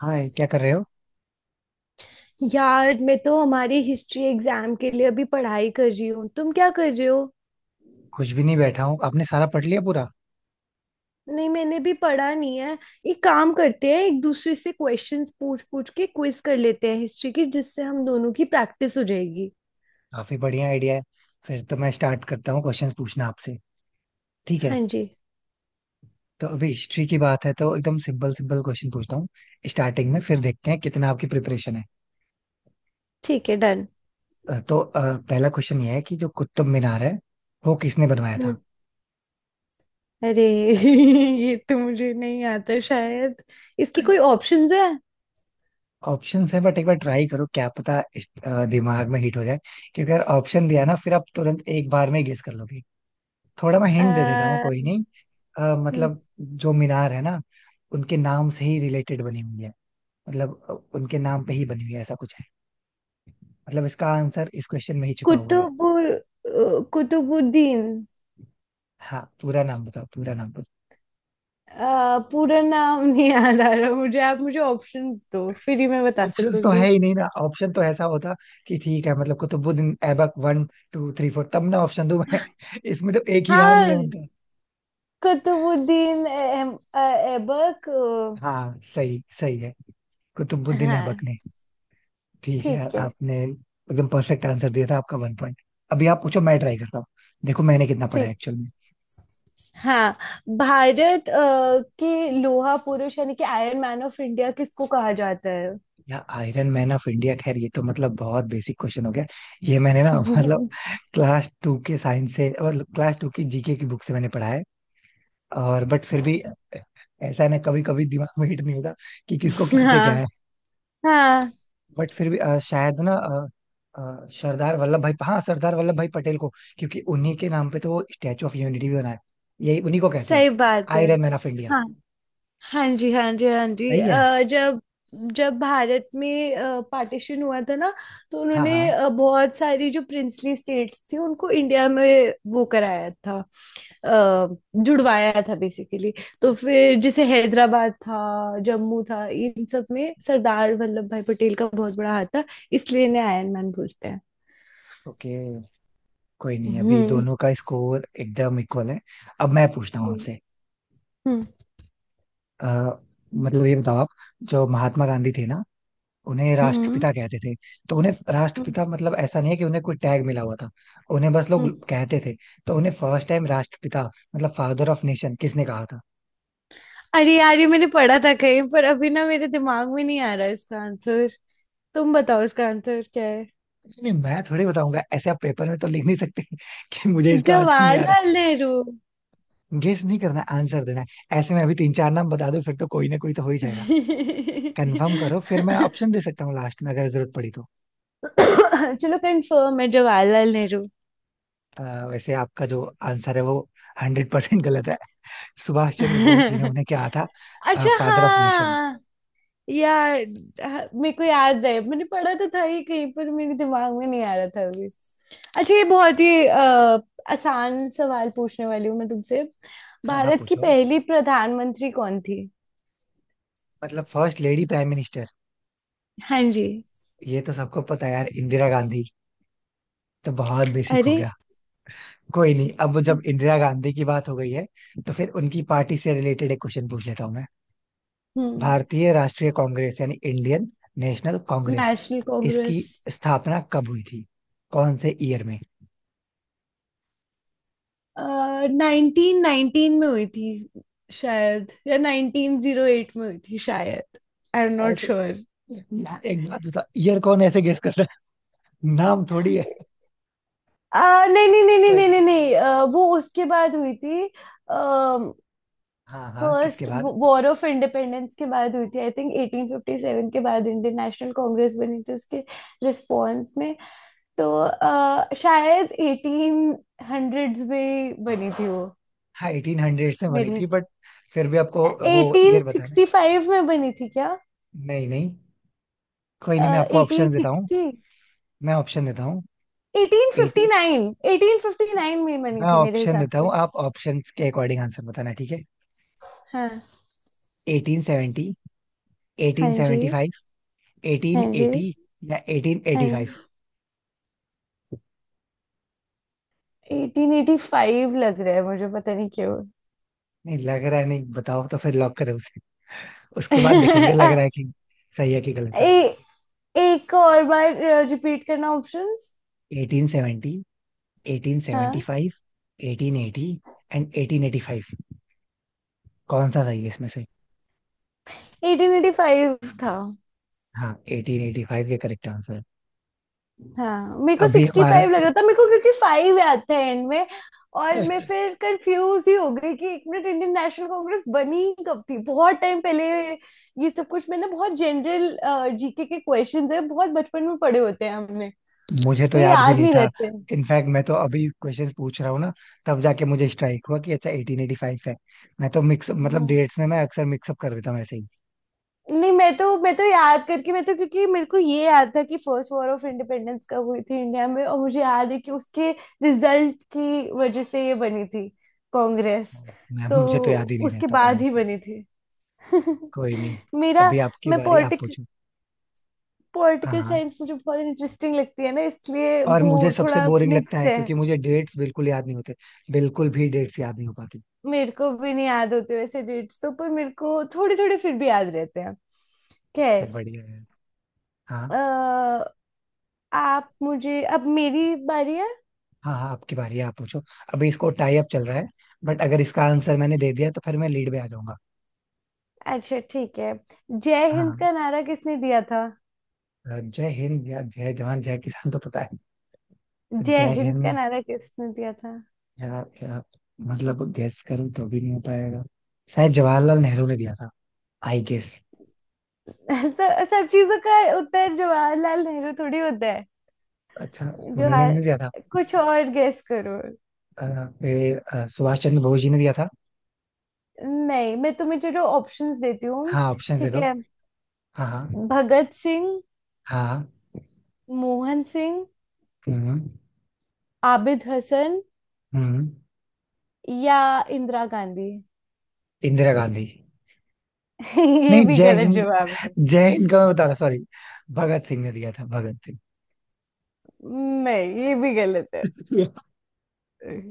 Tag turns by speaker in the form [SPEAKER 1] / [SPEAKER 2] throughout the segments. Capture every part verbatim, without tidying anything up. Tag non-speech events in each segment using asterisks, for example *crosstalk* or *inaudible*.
[SPEAKER 1] हाय क्या कर रहे हो।
[SPEAKER 2] यार मैं तो हमारी हिस्ट्री एग्जाम के लिए अभी पढ़ाई कर रही हूँ। तुम क्या कर रहे हो?
[SPEAKER 1] कुछ भी नहीं, बैठा हूँ। आपने सारा पढ़ लिया पूरा?
[SPEAKER 2] नहीं, मैंने भी पढ़ा नहीं है। एक काम करते हैं, एक दूसरे से क्वेश्चंस पूछ पूछ के क्विज कर लेते हैं हिस्ट्री की, जिससे हम दोनों की प्रैक्टिस हो जाएगी।
[SPEAKER 1] काफी बढ़िया आइडिया है। फिर तो मैं स्टार्ट करता हूँ क्वेश्चंस पूछना आपसे। ठीक है,
[SPEAKER 2] हाँ जी।
[SPEAKER 1] तो अभी हिस्ट्री की बात है तो एकदम सिंपल सिंपल क्वेश्चन पूछता हूँ स्टार्टिंग में, फिर देखते हैं कितना आपकी प्रिपरेशन है।
[SPEAKER 2] ठीक है, डन।
[SPEAKER 1] अ, तो अ, पहला क्वेश्चन ये है कि जो कुतुब मीनार है वो किसने बनवाया था।
[SPEAKER 2] हम्म। अरे। *laughs* ये तो मुझे नहीं आता शायद। इसकी कोई ऑप्शंस है?
[SPEAKER 1] ऑप्शंस है बट एक बार ट्राई करो, क्या पता इस- अ, दिमाग में हिट हो जाए। क्योंकि अगर ऑप्शन दिया ना फिर आप तुरंत एक बार में गेस कर लोगे। थोड़ा मैं हिंट दे देता हूँ,
[SPEAKER 2] अ,
[SPEAKER 1] कोई नहीं। अ,
[SPEAKER 2] हम्म,
[SPEAKER 1] मतलब जो मीनार है ना, उनके नाम से ही रिलेटेड बनी हुई है। मतलब अ, उनके नाम पे ही बनी हुई है, ऐसा कुछ है। मतलब इसका आंसर इस क्वेश्चन में ही छुपा हुआ है।
[SPEAKER 2] कुतुब, कुतुबुद्दीन।
[SPEAKER 1] हाँ पूरा नाम बताओ, पूरा नाम बताओ।
[SPEAKER 2] अ, पूरा नाम *laughs* नहीं याद आ रहा मुझे। आप मुझे ऑप्शन दो फिर ही मैं बता
[SPEAKER 1] ऑप्शंस तो
[SPEAKER 2] सकूंगी।
[SPEAKER 1] है ही नहीं ना। ऑप्शन तो ऐसा होता कि ठीक है, मतलब Qutubuddin Aibak one two three four, तब ना ऑप्शन दूं मैं। *laughs* इसमें तो एक ही नाम ही है
[SPEAKER 2] हाँ,
[SPEAKER 1] उनका।
[SPEAKER 2] कुतुबुद्दीन एम- अ, ऐबक।
[SPEAKER 1] हाँ सही सही है,
[SPEAKER 2] अ,
[SPEAKER 1] कुतुबुद्दीन ऐबक
[SPEAKER 2] हाँ।
[SPEAKER 1] ने। ठीक है,
[SPEAKER 2] ठीक है।
[SPEAKER 1] आपने एकदम परफेक्ट आंसर दिया था। आपका वन पॉइंट। अभी आप पूछो, मैं ट्राई करता हूँ। देखो मैंने कितना पढ़ा है
[SPEAKER 2] ठीक है।
[SPEAKER 1] एक्चुअल में।
[SPEAKER 2] हाँ। भारत अ, के लोहा पुरुष यानी कि आयरन मैन ऑफ इंडिया किसको कहा जाता है?
[SPEAKER 1] या आयरन मैन ऑफ इंडिया, खैर ये तो मतलब बहुत बेसिक क्वेश्चन हो गया। ये मैंने ना मतलब
[SPEAKER 2] *laughs*
[SPEAKER 1] क्लास टू के साइंस से, मतलब क्लास टू की जीके की बुक से मैंने पढ़ा है। और बट फिर भी ऐसा है ना, कभी कभी दिमाग में हिट नहीं होता कि किसको कहते क्या
[SPEAKER 2] हाँ।
[SPEAKER 1] है।
[SPEAKER 2] हाँ,
[SPEAKER 1] बट फिर भी अ, शायद ना अ, अ, सरदार वल्लभ भाई, हाँ सरदार वल्लभ भाई पटेल को। क्योंकि उन्हीं के नाम पे तो वो स्टैचू ऑफ यूनिटी भी बना है। यही उन्हीं को कहते हैं
[SPEAKER 2] सही बात है।
[SPEAKER 1] Iron man of India.
[SPEAKER 2] हाँ। हाँ जी, हाँ जी, हाँ जी।
[SPEAKER 1] सही है।
[SPEAKER 2] अ, जब, जब भारत में पार्टीशन हुआ था ना, तो
[SPEAKER 1] हाँ
[SPEAKER 2] उन्होंने
[SPEAKER 1] हाँ।
[SPEAKER 2] अ, बहुत सारी जो प्रिंसली स्टेट्स थी उनको इंडिया में वो कराया था। अ, जुड़वाया था बेसिकली। तो फिर जैसे हैदराबाद था, जम्मू था, इन सब में सरदार वल्लभ भाई पटेल का बहुत बड़ा हाथ था, इसलिए इन्हें आयरन मैन बोलते हैं।
[SPEAKER 1] ओके, कोई नहीं, अभी
[SPEAKER 2] हम्म।
[SPEAKER 1] दोनों का स्कोर एकदम इक्वल है। अब मैं पूछता हूँ
[SPEAKER 2] हम्म।
[SPEAKER 1] आपसे।
[SPEAKER 2] हम्म।
[SPEAKER 1] आ, मतलब ये बताओ आप, जो महात्मा गांधी थे ना, उन्हें
[SPEAKER 2] हम्म।
[SPEAKER 1] राष्ट्रपिता कहते थे। तो उन्हें
[SPEAKER 2] हम्म,
[SPEAKER 1] राष्ट्रपिता मतलब ऐसा नहीं है कि उन्हें कोई टैग मिला हुआ था, उन्हें बस लोग
[SPEAKER 2] हम्म।
[SPEAKER 1] कहते थे। तो उन्हें फर्स्ट टाइम राष्ट्रपिता मतलब फादर ऑफ नेशन किसने कहा था?
[SPEAKER 2] अरे यार, ये मैंने पढ़ा था कहीं पर, अभी ना मेरे दिमाग में नहीं आ रहा इसका आंसर। तुम बताओ इसका आंसर क्या है?
[SPEAKER 1] नहीं मैं थोड़ी बताऊंगा, ऐसे आप पेपर में तो लिख नहीं सकते *laughs* कि मुझे इसका आंसर नहीं आ रहा।
[SPEAKER 2] जवाहरलाल नेहरू।
[SPEAKER 1] गेस नहीं करना, आंसर देना है। ऐसे में अभी तीन चार नाम बता दो, फिर तो कोई ना कोई तो हो ही जाएगा। कंफर्म करो, फिर मैं ऑप्शन दे सकता हूँ लास्ट में, अगर जरूरत पड़ी तो।
[SPEAKER 2] चलो, कंफर्म है, जवाहरलाल नेहरू।
[SPEAKER 1] अ, वैसे आपका जो आंसर है वो हंड्रेड परसेंट गलत है। सुभाष चंद्र बोस जी ने उन्हें क्या कहा था?
[SPEAKER 2] अच्छा
[SPEAKER 1] फादर ऑफ नेशन।
[SPEAKER 2] हाँ। यार, हाँ, मेरे को याद है, मैंने पढ़ा तो था ही कहीं पर, मेरे दिमाग में नहीं आ रहा था अभी। अच्छा, ये बहुत ही अ, आसान सवाल पूछने वाली हूँ मैं तुमसे।
[SPEAKER 1] हाँ हाँ
[SPEAKER 2] भारत की
[SPEAKER 1] पूछो।
[SPEAKER 2] पहली प्रधानमंत्री कौन थी?
[SPEAKER 1] मतलब फर्स्ट लेडी प्राइम मिनिस्टर?
[SPEAKER 2] हाँ जी।
[SPEAKER 1] ये तो सबको पता है यार, इंदिरा गांधी। तो बहुत बेसिक हो
[SPEAKER 2] अरे।
[SPEAKER 1] गया। कोई नहीं, अब जब इंदिरा गांधी की बात हो गई है तो फिर उनकी पार्टी से रिलेटेड एक क्वेश्चन पूछ लेता हूँ मैं।
[SPEAKER 2] हम्म।
[SPEAKER 1] भारतीय राष्ट्रीय कांग्रेस यानी इंडियन नेशनल कांग्रेस,
[SPEAKER 2] नेशनल
[SPEAKER 1] इसकी
[SPEAKER 2] कांग्रेस।
[SPEAKER 1] स्थापना कब हुई थी, कौन से ईयर में?
[SPEAKER 2] नाइनटीन नाइनटीन में हुई थी शायद, या नाइनटीन जीरो एट में हुई थी शायद। आई एम नॉट
[SPEAKER 1] ऐसे
[SPEAKER 2] श्योर।
[SPEAKER 1] यार एक बात बताओ, ईयर कौन ऐसे गेस करता है, नाम थोड़ी है।
[SPEAKER 2] नहीं नहीं नहीं नहीं
[SPEAKER 1] कोई
[SPEAKER 2] नहीं नहीं
[SPEAKER 1] नहीं।
[SPEAKER 2] नहीं, अ, वो उसके बाद हुई थी।
[SPEAKER 1] हाँ हाँ किसके
[SPEAKER 2] फर्स्ट
[SPEAKER 1] बाद?
[SPEAKER 2] वॉर ऑफ इंडिपेंडेंस के बाद हुई थी। I think eighteen fifty seven के बाद इंडियन नेशनल कांग्रेस बनी थी, उसके रिस्पॉन्स में। तो अ, शायद एटीन हंड्रेड्स में बनी थी वो।
[SPEAKER 1] हाँ एटीन हंड्रेड में बनी
[SPEAKER 2] मेरे,
[SPEAKER 1] थी बट फिर भी आपको वो
[SPEAKER 2] एटीन
[SPEAKER 1] ईयर बताना है।
[SPEAKER 2] सिक्सटी फाइव में बनी थी क्या?
[SPEAKER 1] नहीं नहीं, कोई नहीं, मैं आपको
[SPEAKER 2] एटीन
[SPEAKER 1] ऑप्शन देता हूँ।
[SPEAKER 2] सिक्सटी,
[SPEAKER 1] मैं ऑप्शन देता हूँ
[SPEAKER 2] eighteen fifty
[SPEAKER 1] eighteen.
[SPEAKER 2] Nine, eighteen fifty nine में बनी
[SPEAKER 1] मैं
[SPEAKER 2] थी मेरे
[SPEAKER 1] ऑप्शन
[SPEAKER 2] हिसाब
[SPEAKER 1] देता
[SPEAKER 2] से।
[SPEAKER 1] हूँ, आप ऑप्शन के अकॉर्डिंग आंसर बताना ठीक है।
[SPEAKER 2] हाँ।
[SPEAKER 1] एटीन सेवेंटी,
[SPEAKER 2] हाँ
[SPEAKER 1] एटीन
[SPEAKER 2] जी।
[SPEAKER 1] सेवेंटी फाइव, एटीन
[SPEAKER 2] हाँ जी।
[SPEAKER 1] एटी या एटीन
[SPEAKER 2] हाँ
[SPEAKER 1] एटी फाइव।
[SPEAKER 2] जी। एटीन एटी फाइव लग रहा है मुझे, पता नहीं क्यों।
[SPEAKER 1] नहीं लग रहा है, नहीं बताओ, तो फिर लॉक करें उसे, उसके बाद देखेंगे लग रहा है
[SPEAKER 2] *laughs*
[SPEAKER 1] कि सही है कि गलत है।
[SPEAKER 2] ए, एक और बार रिपीट करना options.
[SPEAKER 1] Eighteen seventy, eighteen seventy
[SPEAKER 2] हाँ।
[SPEAKER 1] Five, eighteen eighty and eighteen eighty five, कौन सा सही है इसमें से?
[SPEAKER 2] एटीन एटी फाइव था।
[SPEAKER 1] हाँ एटीन एटी फाइव, ये करेक्ट आंसर है।
[SPEAKER 2] हाँ, मेरे को
[SPEAKER 1] अभी
[SPEAKER 2] सिक्सटी
[SPEAKER 1] हमारा
[SPEAKER 2] फाइव लग रहा था मेरे को, क्योंकि फाइव याद था एंड में। और मैं
[SPEAKER 1] *laughs*
[SPEAKER 2] फिर कंफ्यूज ही हो गई कि एक मिनट, इंडियन नेशनल कांग्रेस बनी कब थी, बहुत टाइम पहले। ये सब कुछ, मैंने बहुत जनरल जीके के क्वेश्चंस है, बहुत बचपन में पढ़े होते हैं हमने,
[SPEAKER 1] मुझे तो
[SPEAKER 2] तो ये
[SPEAKER 1] याद भी
[SPEAKER 2] याद
[SPEAKER 1] नहीं
[SPEAKER 2] नहीं
[SPEAKER 1] था।
[SPEAKER 2] रहते
[SPEAKER 1] इनफैक्ट मैं तो अभी क्वेश्चंस पूछ रहा हूँ ना, तब जाके मुझे स्ट्राइक हुआ कि अच्छा एटीन एटी फाइव है। मैं तो मिक्स मतलब
[SPEAKER 2] हैं।
[SPEAKER 1] डेट्स में मैं अक्सर मिक्सअप कर देता हूँ ऐसे ही।
[SPEAKER 2] नहीं, मैं तो मैं तो याद करके, मैं तो क्योंकि मेरे को ये याद था कि फर्स्ट वॉर ऑफ इंडिपेंडेंस कब हुई थी इंडिया में, और मुझे याद है कि उसके रिजल्ट की वजह से ये बनी थी कांग्रेस।
[SPEAKER 1] मैं
[SPEAKER 2] तो
[SPEAKER 1] मुझे तो याद ही नहीं
[SPEAKER 2] उसके
[SPEAKER 1] रहता
[SPEAKER 2] बाद ही
[SPEAKER 1] ऑनेस्टली।
[SPEAKER 2] बनी थी।
[SPEAKER 1] कोई
[SPEAKER 2] *laughs*
[SPEAKER 1] नहीं,
[SPEAKER 2] मेरा,
[SPEAKER 1] अभी आपकी
[SPEAKER 2] मैं
[SPEAKER 1] बारी, आप
[SPEAKER 2] पॉलिटिक
[SPEAKER 1] पूछो। हाँ
[SPEAKER 2] पॉलिटिकल
[SPEAKER 1] हाँ।
[SPEAKER 2] साइंस मुझे बहुत इंटरेस्टिंग लगती है ना, इसलिए
[SPEAKER 1] और
[SPEAKER 2] वो
[SPEAKER 1] मुझे सबसे
[SPEAKER 2] थोड़ा
[SPEAKER 1] बोरिंग लगता
[SPEAKER 2] मिक्स
[SPEAKER 1] है
[SPEAKER 2] है।
[SPEAKER 1] क्योंकि मुझे डेट्स बिल्कुल याद नहीं होते, बिल्कुल भी डेट्स याद नहीं हो पाती।
[SPEAKER 2] मेरे को भी नहीं याद होते वैसे डेट्स तो, पर मेरे को थोड़े थोड़े फिर भी याद रहते हैं। खैर।
[SPEAKER 1] सब बढ़िया है। हाँ।
[SPEAKER 2] अ, आप मुझे, अब मेरी बारी है।
[SPEAKER 1] हाँ हाँ आपकी बारी है, आप पूछो। अभी इसको टाई अप चल रहा है, बट अगर इसका आंसर मैंने दे दिया तो फिर मैं लीड में आ जाऊंगा।
[SPEAKER 2] अच्छा, ठीक है। जय हिंद
[SPEAKER 1] हाँ,
[SPEAKER 2] का नारा किसने दिया था?
[SPEAKER 1] अ, जय हिंद या जय जवान जय किसान तो पता है,
[SPEAKER 2] जय
[SPEAKER 1] जय
[SPEAKER 2] हिंद का
[SPEAKER 1] हिंद।
[SPEAKER 2] नारा किसने दिया था?
[SPEAKER 1] या, या मतलब गैस करूं तो भी नहीं हो पाएगा। शायद जवाहरलाल नेहरू ने दिया था, आई गेस।
[SPEAKER 2] *laughs* सब सब चीजों का उत्तर जवाहरलाल नेहरू थोड़ी होता है।
[SPEAKER 1] अच्छा, उन्होंने
[SPEAKER 2] जवाहर,
[SPEAKER 1] नहीं दिया था।
[SPEAKER 2] कुछ और गेस करो।
[SPEAKER 1] अ, फिर अ, सुभाष चंद्र बोस जी ने दिया था।
[SPEAKER 2] नहीं, मैं तुम्हें, चलो ऑप्शंस देती हूँ।
[SPEAKER 1] हाँ ऑप्शन दे
[SPEAKER 2] ठीक
[SPEAKER 1] दो।
[SPEAKER 2] है।
[SPEAKER 1] हाँ हाँ।
[SPEAKER 2] भगत सिंह,
[SPEAKER 1] हाँ हाँ,
[SPEAKER 2] मोहन सिंह,
[SPEAKER 1] हम्म,
[SPEAKER 2] आबिद हसन,
[SPEAKER 1] हम्म।
[SPEAKER 2] या इंदिरा गांधी।
[SPEAKER 1] इंदिरा गांधी।
[SPEAKER 2] *laughs* ये
[SPEAKER 1] नहीं
[SPEAKER 2] भी
[SPEAKER 1] जय
[SPEAKER 2] गलत
[SPEAKER 1] हिंद,
[SPEAKER 2] जवाब है।
[SPEAKER 1] जय हिंद का मैं बता रहा, सॉरी। भगत सिंह ने दिया था, भगत सिंह।
[SPEAKER 2] नहीं, ये भी गलत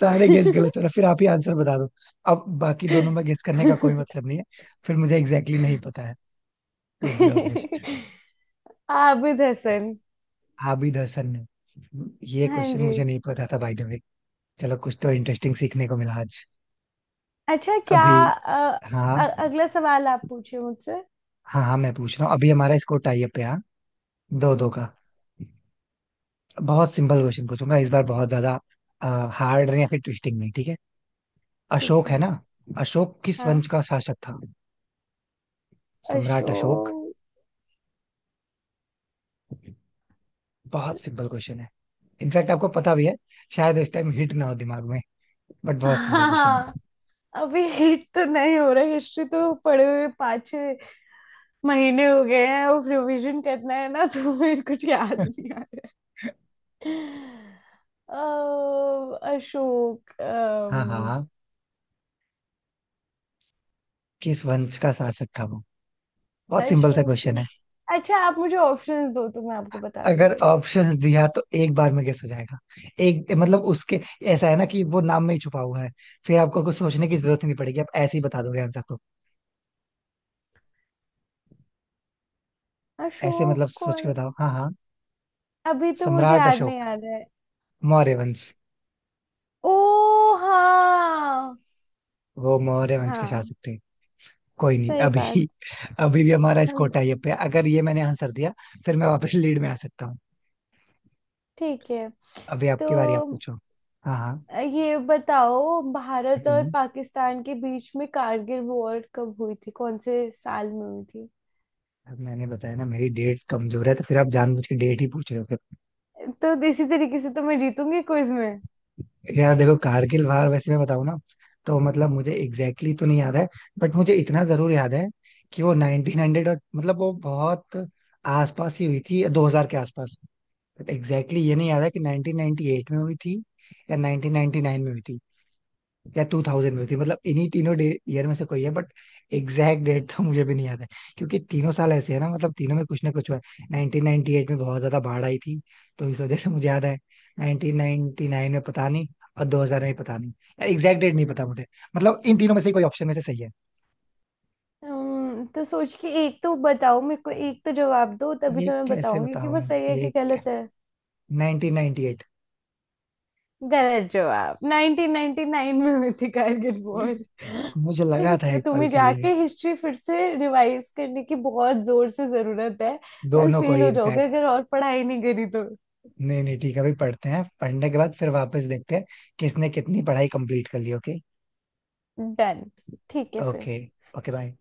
[SPEAKER 1] सारे गेस गलत हो रहा, फिर आप ही आंसर बता दो, अब बाकी
[SPEAKER 2] है।
[SPEAKER 1] दोनों में गेस करने का कोई मतलब नहीं है। फिर मुझे एग्जैक्टली exactly नहीं पता है, to be honest.
[SPEAKER 2] *laughs* Abid Hasan.
[SPEAKER 1] Abid Hasan ने। ये
[SPEAKER 2] हाँ
[SPEAKER 1] क्वेश्चन
[SPEAKER 2] जी।
[SPEAKER 1] मुझे नहीं पता था बाय द वे। चलो कुछ तो इंटरेस्टिंग सीखने को मिला आज।
[SPEAKER 2] अच्छा क्या,
[SPEAKER 1] अभी
[SPEAKER 2] अ-
[SPEAKER 1] हाँ।
[SPEAKER 2] अ, अगला सवाल आप पूछिए मुझसे।
[SPEAKER 1] हाँ हाँ मैं पूछ रहा हूँ, अभी हमारा स्कोर टाई अप है, हाँ दो दो
[SPEAKER 2] हम्म,
[SPEAKER 1] का। बहुत सिंपल क्वेश्चन पूछूंगा इस बार, बहुत ज्यादा हार्ड या फिर ट्विस्टिंग नहीं, ठीक है।
[SPEAKER 2] ठीक
[SPEAKER 1] अशोक है
[SPEAKER 2] है।
[SPEAKER 1] ना, अशोक किस
[SPEAKER 2] हाँ,
[SPEAKER 1] वंश का शासक था, सम्राट अशोक।
[SPEAKER 2] अशोक।
[SPEAKER 1] बहुत सिंपल क्वेश्चन है, इनफैक्ट आपको पता भी है, शायद उस टाइम हिट ना हो दिमाग में, बट बहुत सिंपल क्वेश्चन
[SPEAKER 2] हाँ,
[SPEAKER 1] है।
[SPEAKER 2] अभी हिट तो नहीं हो रहा। हिस्ट्री तो पढ़े हुए पाँच छः महीने हो गए हैं, और रिवीजन करना है ना, तो मेरे कुछ याद नहीं आ रहा। अ, अशोक, अम,
[SPEAKER 1] हाँ हाँ किस वंश का शासक था वो, बहुत सिंपल सा
[SPEAKER 2] अशोक,
[SPEAKER 1] क्वेश्चन है।
[SPEAKER 2] अच्छा आप मुझे ऑप्शंस दो तो मैं आपको बता
[SPEAKER 1] अगर
[SPEAKER 2] दूंगी।
[SPEAKER 1] ऑप्शंस दिया तो एक बार में गेस हो जाएगा। एक मतलब उसके, ऐसा है ना कि वो नाम में ही छुपा हुआ है, फिर आपको कुछ सोचने की जरूरत ही नहीं पड़ेगी, आप ऐसे ही बता दोगे आंसर तो। ऐसे
[SPEAKER 2] अशोक
[SPEAKER 1] मतलब
[SPEAKER 2] को,
[SPEAKER 1] सोच के बताओ, हाँ हाँ।
[SPEAKER 2] अभी तो मुझे
[SPEAKER 1] सम्राट
[SPEAKER 2] याद नहीं
[SPEAKER 1] अशोक
[SPEAKER 2] आ रहा है।
[SPEAKER 1] मौर्य वंश,
[SPEAKER 2] ओ हाँ।
[SPEAKER 1] वो मौर्य वंश के
[SPEAKER 2] हाँ,
[SPEAKER 1] शासक थे। कोई नहीं,
[SPEAKER 2] सही बात।
[SPEAKER 1] अभी अभी भी हमारा स्कोर
[SPEAKER 2] हम।
[SPEAKER 1] टाई अप है, अगर ये मैंने आंसर दिया फिर मैं वापस लीड में आ सकता हूँ।
[SPEAKER 2] ठीक है।
[SPEAKER 1] अभी
[SPEAKER 2] तो
[SPEAKER 1] आपकी बारी, आप पूछो। हाँ हाँ।
[SPEAKER 2] ये बताओ, भारत और
[SPEAKER 1] हम्म।
[SPEAKER 2] पाकिस्तान के बीच में कारगिल वॉर कब हुई थी, कौन से साल में हुई थी?
[SPEAKER 1] अब मैंने बताया ना मेरी डेट कमजोर है, तो फिर आप जानबूझ के डेट ही पूछ रहे हो फिर।
[SPEAKER 2] तो इसी तरीके से तो मैं जीतूंगी क्विज में।
[SPEAKER 1] यार देखो कारगिल वार, वैसे मैं बताऊं ना तो मतलब मुझे एग्जैक्टली exactly तो नहीं याद है, बट मुझे इतना जरूर याद है कि वो नाइनटीन हंड्रेड और मतलब वो बहुत आसपास ही हुई थी, दो हज़ार के आसपास। बट एग्जैक्टली exactly ये नहीं याद है कि नाइनटीन नाइनटी एट में हुई थी या नाइनटीन नाइनटी नाइन में हुई थी या टू थाउजेंड में थी, मतलब इन्हीं तीनों ईयर में से कोई है, बट एग्जैक्ट डेट तो मुझे भी नहीं याद है। क्योंकि तीनों साल ऐसे है ना, मतलब तीनों में कुछ ना कुछ हुआ है। नाइनटीन नाइनटी एट में बहुत ज्यादा बाढ़ आई थी, तो इस वजह से मुझे याद है। नाइनटीन नाइनटी नाइन में पता नहीं, और दो हज़ार में पता नहीं, एग्जैक्ट डेट नहीं पता मुझे, मतलब इन तीनों में से कोई ऑप्शन में से सही है।
[SPEAKER 2] हम्म, तो सोच के एक तो बताओ मेरे को, एक तो जवाब दो तभी
[SPEAKER 1] ये
[SPEAKER 2] तो मैं
[SPEAKER 1] कैसे
[SPEAKER 2] बताऊंगी कि
[SPEAKER 1] बताऊं,
[SPEAKER 2] वो सही है
[SPEAKER 1] ये
[SPEAKER 2] कि गलत है।
[SPEAKER 1] Nineteen ninety eight.
[SPEAKER 2] गलत जवाब। नाइनटीन नाइनटी नाइन में हुई थी कारगिल वॉर। आई
[SPEAKER 1] मुझे लगा
[SPEAKER 2] थिंक
[SPEAKER 1] था एक पल
[SPEAKER 2] तुम्हें
[SPEAKER 1] के लिए।
[SPEAKER 2] जाके हिस्ट्री फिर से रिवाइज करने की बहुत जोर से जरूरत है। कल
[SPEAKER 1] दोनों को
[SPEAKER 2] फेल
[SPEAKER 1] ही
[SPEAKER 2] हो जाओगे
[SPEAKER 1] इनफैक्ट।
[SPEAKER 2] अगर और पढ़ाई नहीं करी तो।
[SPEAKER 1] नहीं नहीं ठीक है, अभी पढ़ते हैं, पढ़ने के बाद फिर वापस देखते हैं किसने कितनी पढ़ाई कंप्लीट कर ली, ओके।
[SPEAKER 2] डन। ठीक है फिर।
[SPEAKER 1] ओके। Okay bye.